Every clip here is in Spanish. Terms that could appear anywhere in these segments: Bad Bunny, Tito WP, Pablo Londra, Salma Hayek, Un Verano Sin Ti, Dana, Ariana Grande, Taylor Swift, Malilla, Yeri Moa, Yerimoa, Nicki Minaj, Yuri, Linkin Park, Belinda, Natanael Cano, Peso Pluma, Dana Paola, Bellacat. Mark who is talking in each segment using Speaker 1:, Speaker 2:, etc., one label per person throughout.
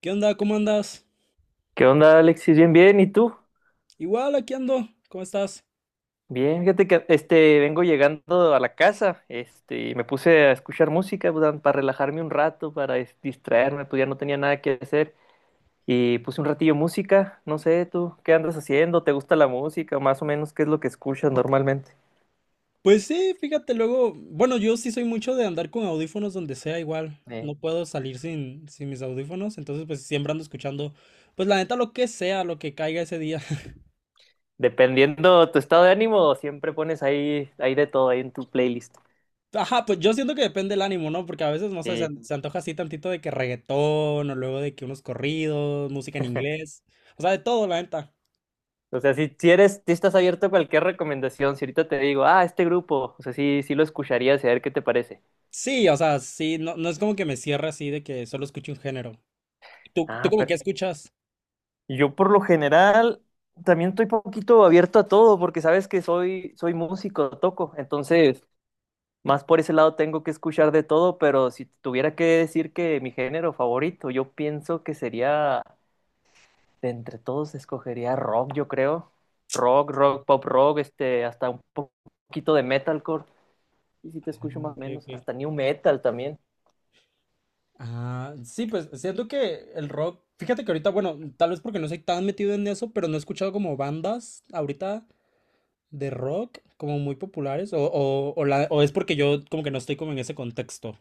Speaker 1: ¿Qué onda? ¿Cómo andas?
Speaker 2: ¿Qué onda, Alexis? Bien, bien, ¿y tú?
Speaker 1: Igual, aquí ando. ¿Cómo estás?
Speaker 2: Bien, fíjate que vengo llegando a la casa, y me puse a escuchar música pues, para relajarme un rato, distraerme, pues ya no tenía nada que hacer y puse un ratillo música, no sé, tú, ¿qué andas haciendo? ¿Te gusta la música? Más o menos, ¿qué es lo que escuchas normalmente?
Speaker 1: Pues sí, fíjate, luego, bueno, yo sí soy mucho de andar con audífonos donde sea, igual.
Speaker 2: Eh,
Speaker 1: No puedo salir sin mis audífonos, entonces pues siempre ando escuchando, pues la neta lo que sea, lo que caiga ese día.
Speaker 2: dependiendo tu estado de ánimo, siempre pones ahí de todo, ahí en tu playlist.
Speaker 1: Ajá, pues yo siento que depende del ánimo, ¿no? Porque a veces, no sé,
Speaker 2: Eh,
Speaker 1: se antoja así tantito de que reggaetón o luego de que unos corridos, música en inglés, o sea, de todo, la neta.
Speaker 2: o sea, si eres, si estás abierto a cualquier recomendación, si ahorita te digo, ah, este grupo, o sea, sí, sí lo escucharías y a ver qué te parece.
Speaker 1: Sí, o sea, sí, no, no es como que me cierre así de que solo escuche un género. ¿¿Tú
Speaker 2: Ah,
Speaker 1: como
Speaker 2: pero
Speaker 1: que escuchas?
Speaker 2: yo por lo general también estoy poquito abierto a todo porque sabes que soy, soy músico, toco, entonces más por ese lado tengo que escuchar de todo, pero si tuviera que decir que mi género favorito, yo pienso que sería, de entre todos escogería rock, yo creo, rock, rock, pop rock, poquito de metalcore, y si te escucho
Speaker 1: Ah,
Speaker 2: más o
Speaker 1: ok,
Speaker 2: menos,
Speaker 1: ok.
Speaker 2: hasta new metal también.
Speaker 1: Ah, sí, pues siento que el rock, fíjate que ahorita, bueno, tal vez porque no soy tan metido en eso, pero no he escuchado como bandas ahorita de rock como muy populares, o es porque yo como que no estoy como en ese contexto.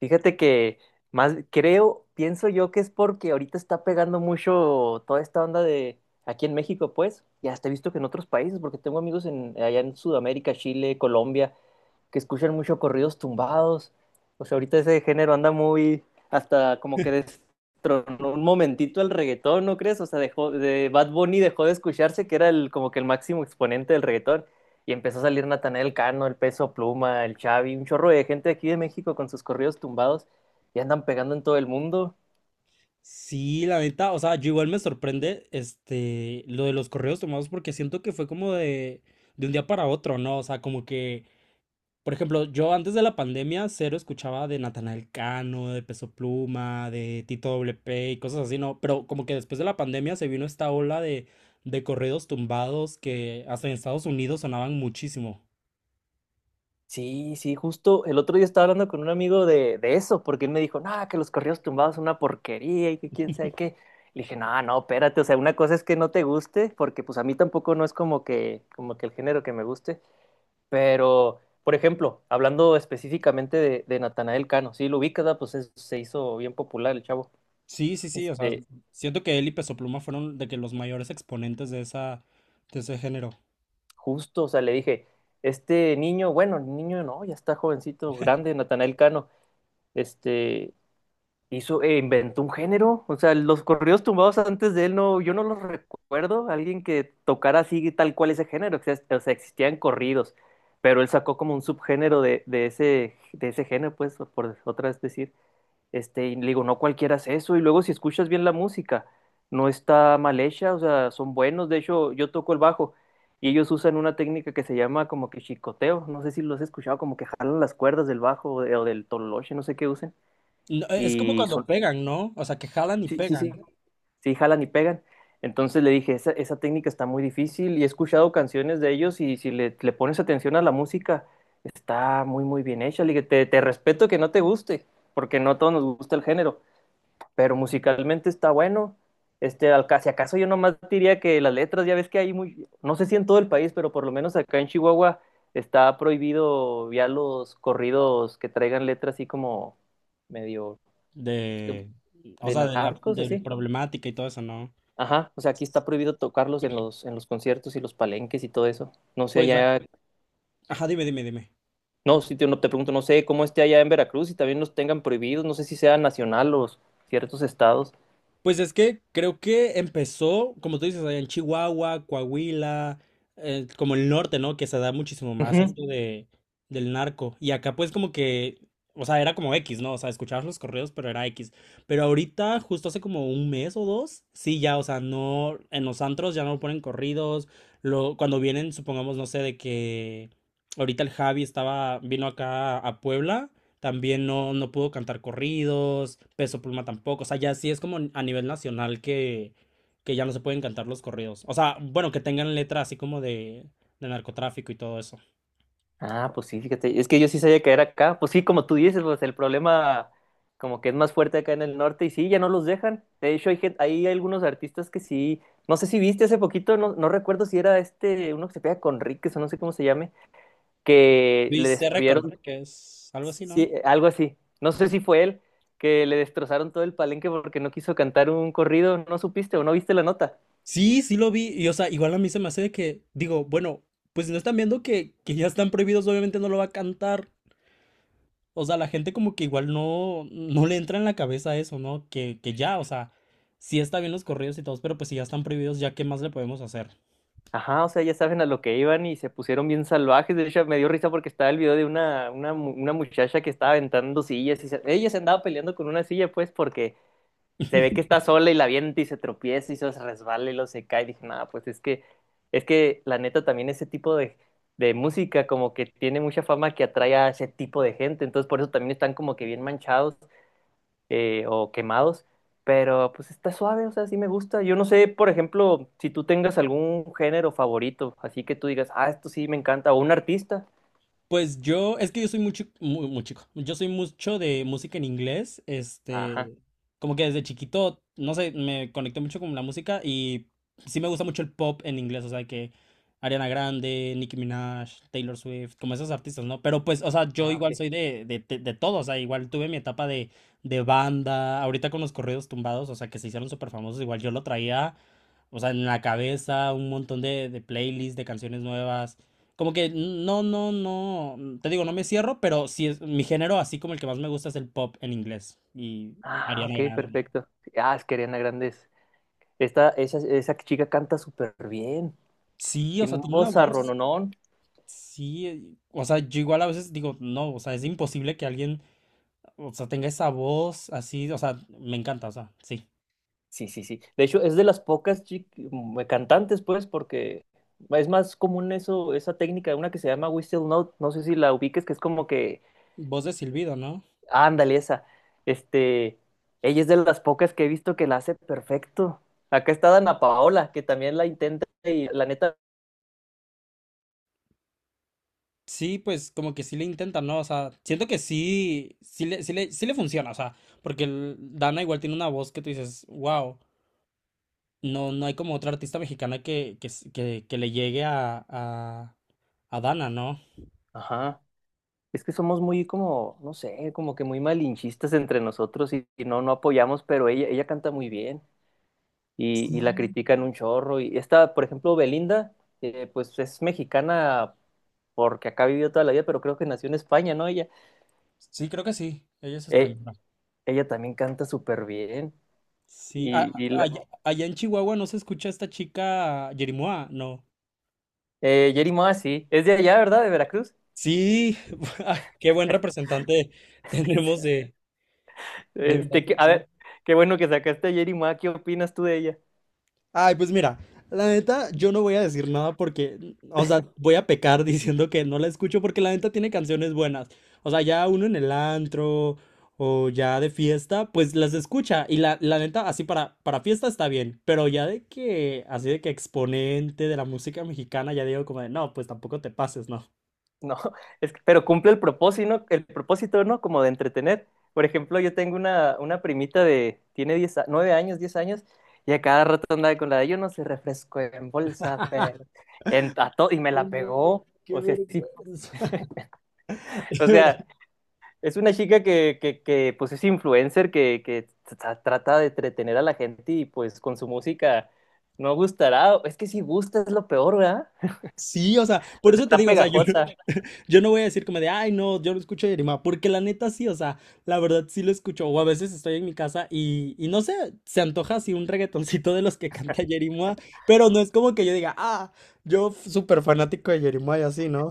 Speaker 2: Fíjate que más creo, pienso yo que es porque ahorita está pegando mucho toda esta onda de aquí en México, pues, y hasta he visto que en otros países, porque tengo amigos en allá en Sudamérica, Chile, Colombia, que escuchan mucho corridos tumbados. O sea, ahorita ese género anda muy, hasta como que destronó un momentito el reggaetón, ¿no crees? O sea, dejó, de Bad Bunny dejó de escucharse, que era el, como que el máximo exponente del reggaetón. Y empezó a salir Natanael Cano, el Peso Pluma, el Xavi, un chorro de gente aquí de México con sus corridos tumbados y andan pegando en todo el mundo.
Speaker 1: Sí, la neta, o sea, yo igual me sorprende lo de los correos tomados porque siento que fue como de un día para otro, ¿no? O sea, como que por ejemplo, yo antes de la pandemia cero escuchaba de Natanael Cano, de Peso Pluma, de Tito WP y cosas así, ¿no? Pero como que después de la pandemia se vino esta ola de corridos tumbados que hasta en Estados Unidos sonaban muchísimo.
Speaker 2: Sí, sí, justo el otro día estaba hablando con un amigo de eso, porque él me dijo, no, que los corridos tumbados son una porquería y que quién sabe qué. Le dije, no, no, espérate, o sea, una cosa es que no te guste, porque pues a mí tampoco no es como que el género que me guste, pero, por ejemplo, hablando específicamente de Natanael Cano, sí, lo ubicas, ¿verdad? Pues se hizo bien popular el chavo.
Speaker 1: Sí, sí, sí, o sea,
Speaker 2: Este,
Speaker 1: siento que él y Peso Pluma fueron de que los mayores exponentes de ese género.
Speaker 2: justo, o sea, le dije, este niño, bueno, niño no, ya está jovencito, grande, Natanael Cano, este hizo, e inventó un género. O sea, los corridos tumbados antes de él no, yo no los recuerdo. Alguien que tocara así tal cual ese género. O sea, existían corridos, pero él sacó como un subgénero de, de ese género, pues, por otra vez decir. Y le digo, no cualquiera hace eso. Y luego si escuchas bien la música, no está mal hecha, o sea, son buenos. De hecho, yo toco el bajo. Y ellos usan una técnica que se llama como que chicoteo, no sé si los has escuchado, como que jalan las cuerdas del bajo o del tololoche, no sé qué usen.
Speaker 1: No, es como
Speaker 2: Y
Speaker 1: cuando
Speaker 2: son,
Speaker 1: pegan, ¿no? O sea, que jalan y
Speaker 2: Sí, sí,
Speaker 1: pegan
Speaker 2: sí, sí, jalan y pegan. Entonces le dije, esa técnica está muy difícil y he escuchado canciones de ellos y si le pones atención a la música, está muy bien hecha. Le dije, te respeto que no te guste, porque no a todos nos gusta el género, pero musicalmente está bueno. Si acaso yo nomás diría que las letras, ya ves que hay muy, no sé si en todo el país, pero por lo menos acá en Chihuahua está prohibido ya los corridos que traigan letras así como medio
Speaker 1: de, o
Speaker 2: de
Speaker 1: sea,
Speaker 2: narcos,
Speaker 1: del
Speaker 2: así.
Speaker 1: problemática y todo eso, ¿no?
Speaker 2: Ajá, o sea, aquí está prohibido tocarlos en los conciertos y los palenques y todo eso. No sé
Speaker 1: Pues, ac-
Speaker 2: allá,
Speaker 1: ajá, dime, dime, dime.
Speaker 2: no, no, te pregunto, no sé cómo esté allá en Veracruz y también los tengan prohibidos, no sé si sea nacional o ciertos estados.
Speaker 1: Pues es que creo que empezó, como tú dices, allá en Chihuahua, Coahuila, como el norte, ¿no? Que se da muchísimo más
Speaker 2: Ujú.
Speaker 1: esto de, del narco. Y acá pues como que, o sea, era como X, ¿no? O sea, escuchabas los correos, pero era X. Pero ahorita, justo hace como un mes o dos, sí, ya, o sea, no, en los antros ya no ponen corridos. Lo, cuando vienen, supongamos, no sé, de que ahorita el Javi estaba, vino acá a Puebla. También no, no pudo cantar corridos, Peso Pluma tampoco. O sea, ya sí es como a nivel nacional que ya no se pueden cantar los corridos. O sea, bueno, que tengan letra así como de narcotráfico y todo eso.
Speaker 2: Ah, pues sí, fíjate, es que yo sí sabía que era acá, pues sí, como tú dices, pues el problema como que es más fuerte acá en el norte y sí, ya no los dejan. De hecho, hay, hay algunos artistas que sí, no sé si viste hace poquito, no, no recuerdo si era uno que se pega con Ríquez o no sé cómo se llame, que le
Speaker 1: ¿Viste Recon
Speaker 2: destruyeron.
Speaker 1: que es algo así,
Speaker 2: Sí,
Speaker 1: ¿no?
Speaker 2: algo así. No sé si fue él que le destrozaron todo el palenque porque no quiso cantar un corrido, no supiste o no viste la nota.
Speaker 1: Sí, sí lo vi. Y o sea, igual a mí se me hace de que, digo, bueno, pues si no están viendo que ya están prohibidos, obviamente no lo va a cantar. O sea, la gente como que igual no, no le entra en la cabeza eso, ¿no? Que ya, o sea, sí está bien los corridos y todos, pero pues si ya están prohibidos, ya qué más le podemos hacer.
Speaker 2: Ajá, o sea, ya saben a lo que iban y se pusieron bien salvajes. De hecho, me dio risa porque estaba el video de una muchacha que estaba aventando sillas y ella se andaba peleando con una silla, pues, porque se ve que está sola y la avienta y se tropieza y se resbala y lo se cae. Y dije, nada, es que la neta también ese tipo de música como que tiene mucha fama que atrae a ese tipo de gente. Entonces por eso también están como que bien manchados o quemados. Pero pues está suave, o sea, sí me gusta. Yo no sé, por ejemplo, si tú tengas algún género favorito, así que tú digas, ah, esto sí me encanta, o un artista.
Speaker 1: Pues yo, es que yo soy muy, muy, muy chico, yo soy mucho de música en inglés,
Speaker 2: Ajá.
Speaker 1: como que desde chiquito, no sé, me conecté mucho con la música y sí me gusta mucho el pop en inglés, o sea, que Ariana Grande, Nicki Minaj, Taylor Swift, como esos artistas, ¿no? Pero pues, o sea, yo
Speaker 2: Ah,
Speaker 1: igual
Speaker 2: ok.
Speaker 1: soy de todo, o sea, igual tuve mi etapa de banda, ahorita con los corridos tumbados, o sea, que se hicieron súper famosos, igual yo lo traía, o sea, en la cabeza, un montón de playlists, de canciones nuevas. Como que no, te digo, no me cierro, pero sí es mi género, así como el que más me gusta es el pop en inglés y
Speaker 2: Ah,
Speaker 1: Ariana
Speaker 2: ok,
Speaker 1: Grande.
Speaker 2: perfecto. Ah, es que Ariana Grande es. Esa chica canta súper bien.
Speaker 1: Sí, o
Speaker 2: Tiene
Speaker 1: sea,
Speaker 2: un
Speaker 1: tiene una voz.
Speaker 2: vozarrononón.
Speaker 1: Sí, o sea, yo igual a veces digo, no, o sea, es imposible que alguien, o sea, tenga esa voz así, o sea, me encanta, o sea, sí.
Speaker 2: Sí, sí, sí. De hecho, es de las pocas cantantes, pues, porque es más común eso, esa técnica, una que se llama whistle note, no sé si la ubiques, que es como que,
Speaker 1: Voz de silbido, ¿no?
Speaker 2: ándale, esa. Este, ella es de las pocas que he visto que la hace perfecto. Acá está Dana Paola, que también la intenta y la neta,
Speaker 1: Sí, pues como que sí le intentan, ¿no? O sea, siento que sí, sí le funciona, o sea, porque Dana igual tiene una voz que tú dices, wow. No, no hay como otra artista mexicana que le llegue a Dana, ¿no?
Speaker 2: ajá. Es que somos muy como, no sé, como que muy malinchistas entre nosotros y no, no apoyamos, pero ella canta muy bien. Y, y la
Speaker 1: Sí.
Speaker 2: critican un chorro. Y esta, por ejemplo, Belinda, pues es mexicana porque acá ha vivido toda la vida, pero creo que nació en España, ¿no?
Speaker 1: Sí, creo que sí. Ella es
Speaker 2: Eh,
Speaker 1: española.
Speaker 2: ella también canta súper bien.
Speaker 1: Sí.
Speaker 2: Y, y la,
Speaker 1: Allá en Chihuahua no se escucha esta chica Yerimoa, no.
Speaker 2: Yeri Moa, sí, es de allá, ¿verdad? De Veracruz.
Speaker 1: Sí. ay, qué buen representante tenemos de
Speaker 2: A
Speaker 1: Veracruz.
Speaker 2: ver, qué bueno que sacaste a Yeri Moa, ¿qué opinas tú de ella?
Speaker 1: Ay, pues mira, la neta, yo no voy a decir nada porque, o sea, voy a pecar diciendo que no la escucho porque la neta tiene canciones buenas. O sea, ya uno en el antro o ya de fiesta, pues las escucha. Y la neta, así para fiesta está bien, pero ya de que, así de que exponente de la música mexicana, ya digo como de, no, pues tampoco te pases, ¿no?
Speaker 2: No, es que pero cumple el propósito, ¿no? El propósito, ¿no? Como de entretener. Por ejemplo, yo tengo una primita de, tiene 9 años, 10 años, y a cada rato andaba con la de, yo no sé, refresco en bolsa, pero y me
Speaker 1: Ay,
Speaker 2: la
Speaker 1: no,
Speaker 2: pegó.
Speaker 1: qué
Speaker 2: O sea, sí,
Speaker 1: vergüenza.
Speaker 2: o
Speaker 1: De
Speaker 2: sea, es una chica que, pues es influencer, trata de entretener a la gente y pues con su música no gustará. Es que si gusta es lo peor, ¿verdad?
Speaker 1: sí, o sea, por
Speaker 2: Pues
Speaker 1: eso te
Speaker 2: está
Speaker 1: digo, o sea, yo,
Speaker 2: pegajosa.
Speaker 1: yo no voy a decir como de, ay, no, yo no escucho Yerima, porque la neta sí, o sea, la verdad sí lo escucho, o a veces estoy en mi casa y no sé, se antoja así un reggaetoncito de los que canta Yerima, pero no es como que yo diga, ah, súper fanático de Yerima y así, ¿no?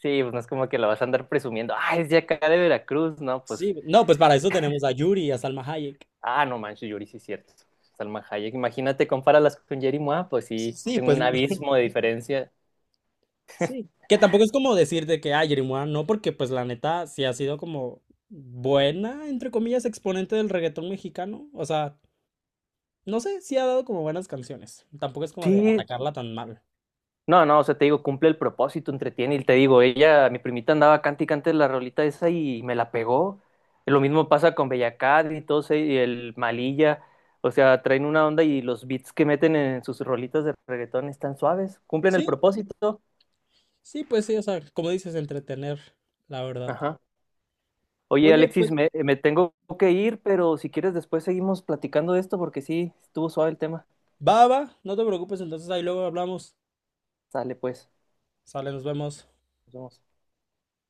Speaker 2: Sí, pues no es como que la vas a andar presumiendo. Ah, es de acá de Veracruz, ¿no? Pues,
Speaker 1: Sí, no, pues para eso tenemos a Yuri y a Salma Hayek.
Speaker 2: ah, no manches, Yuri, sí es cierto. Salma Hayek, imagínate, compáralas con Jerry Mois, pues sí,
Speaker 1: Sí,
Speaker 2: en
Speaker 1: pues
Speaker 2: un abismo de diferencia.
Speaker 1: sí. Que tampoco es como decir de que, ah, Yerima no, porque pues la neta sí ha sido como buena, entre comillas, exponente del reggaetón mexicano, o sea... No sé, sí ha dado como buenas canciones. Tampoco es como de
Speaker 2: Sí,
Speaker 1: atacarla tan mal.
Speaker 2: no, no, o sea, te digo, cumple el propósito, entretiene, y te digo, ella, mi primita andaba cante y cante la rolita esa y me la pegó. Lo mismo pasa con Bellacat y todos, y el Malilla, o sea, traen una onda y los beats que meten en sus rolitas de reggaetón están suaves, cumplen
Speaker 1: Sí,
Speaker 2: el propósito.
Speaker 1: sí, pues sí, o sea, como dices, entretener, la verdad.
Speaker 2: Ajá. Oye,
Speaker 1: Oye,
Speaker 2: Alexis,
Speaker 1: pues
Speaker 2: me tengo que ir, pero si quieres después seguimos platicando de esto porque sí, estuvo suave el tema.
Speaker 1: va, va, no te preocupes, entonces ahí luego hablamos.
Speaker 2: Sale pues,
Speaker 1: Sale, nos vemos.
Speaker 2: nos vemos.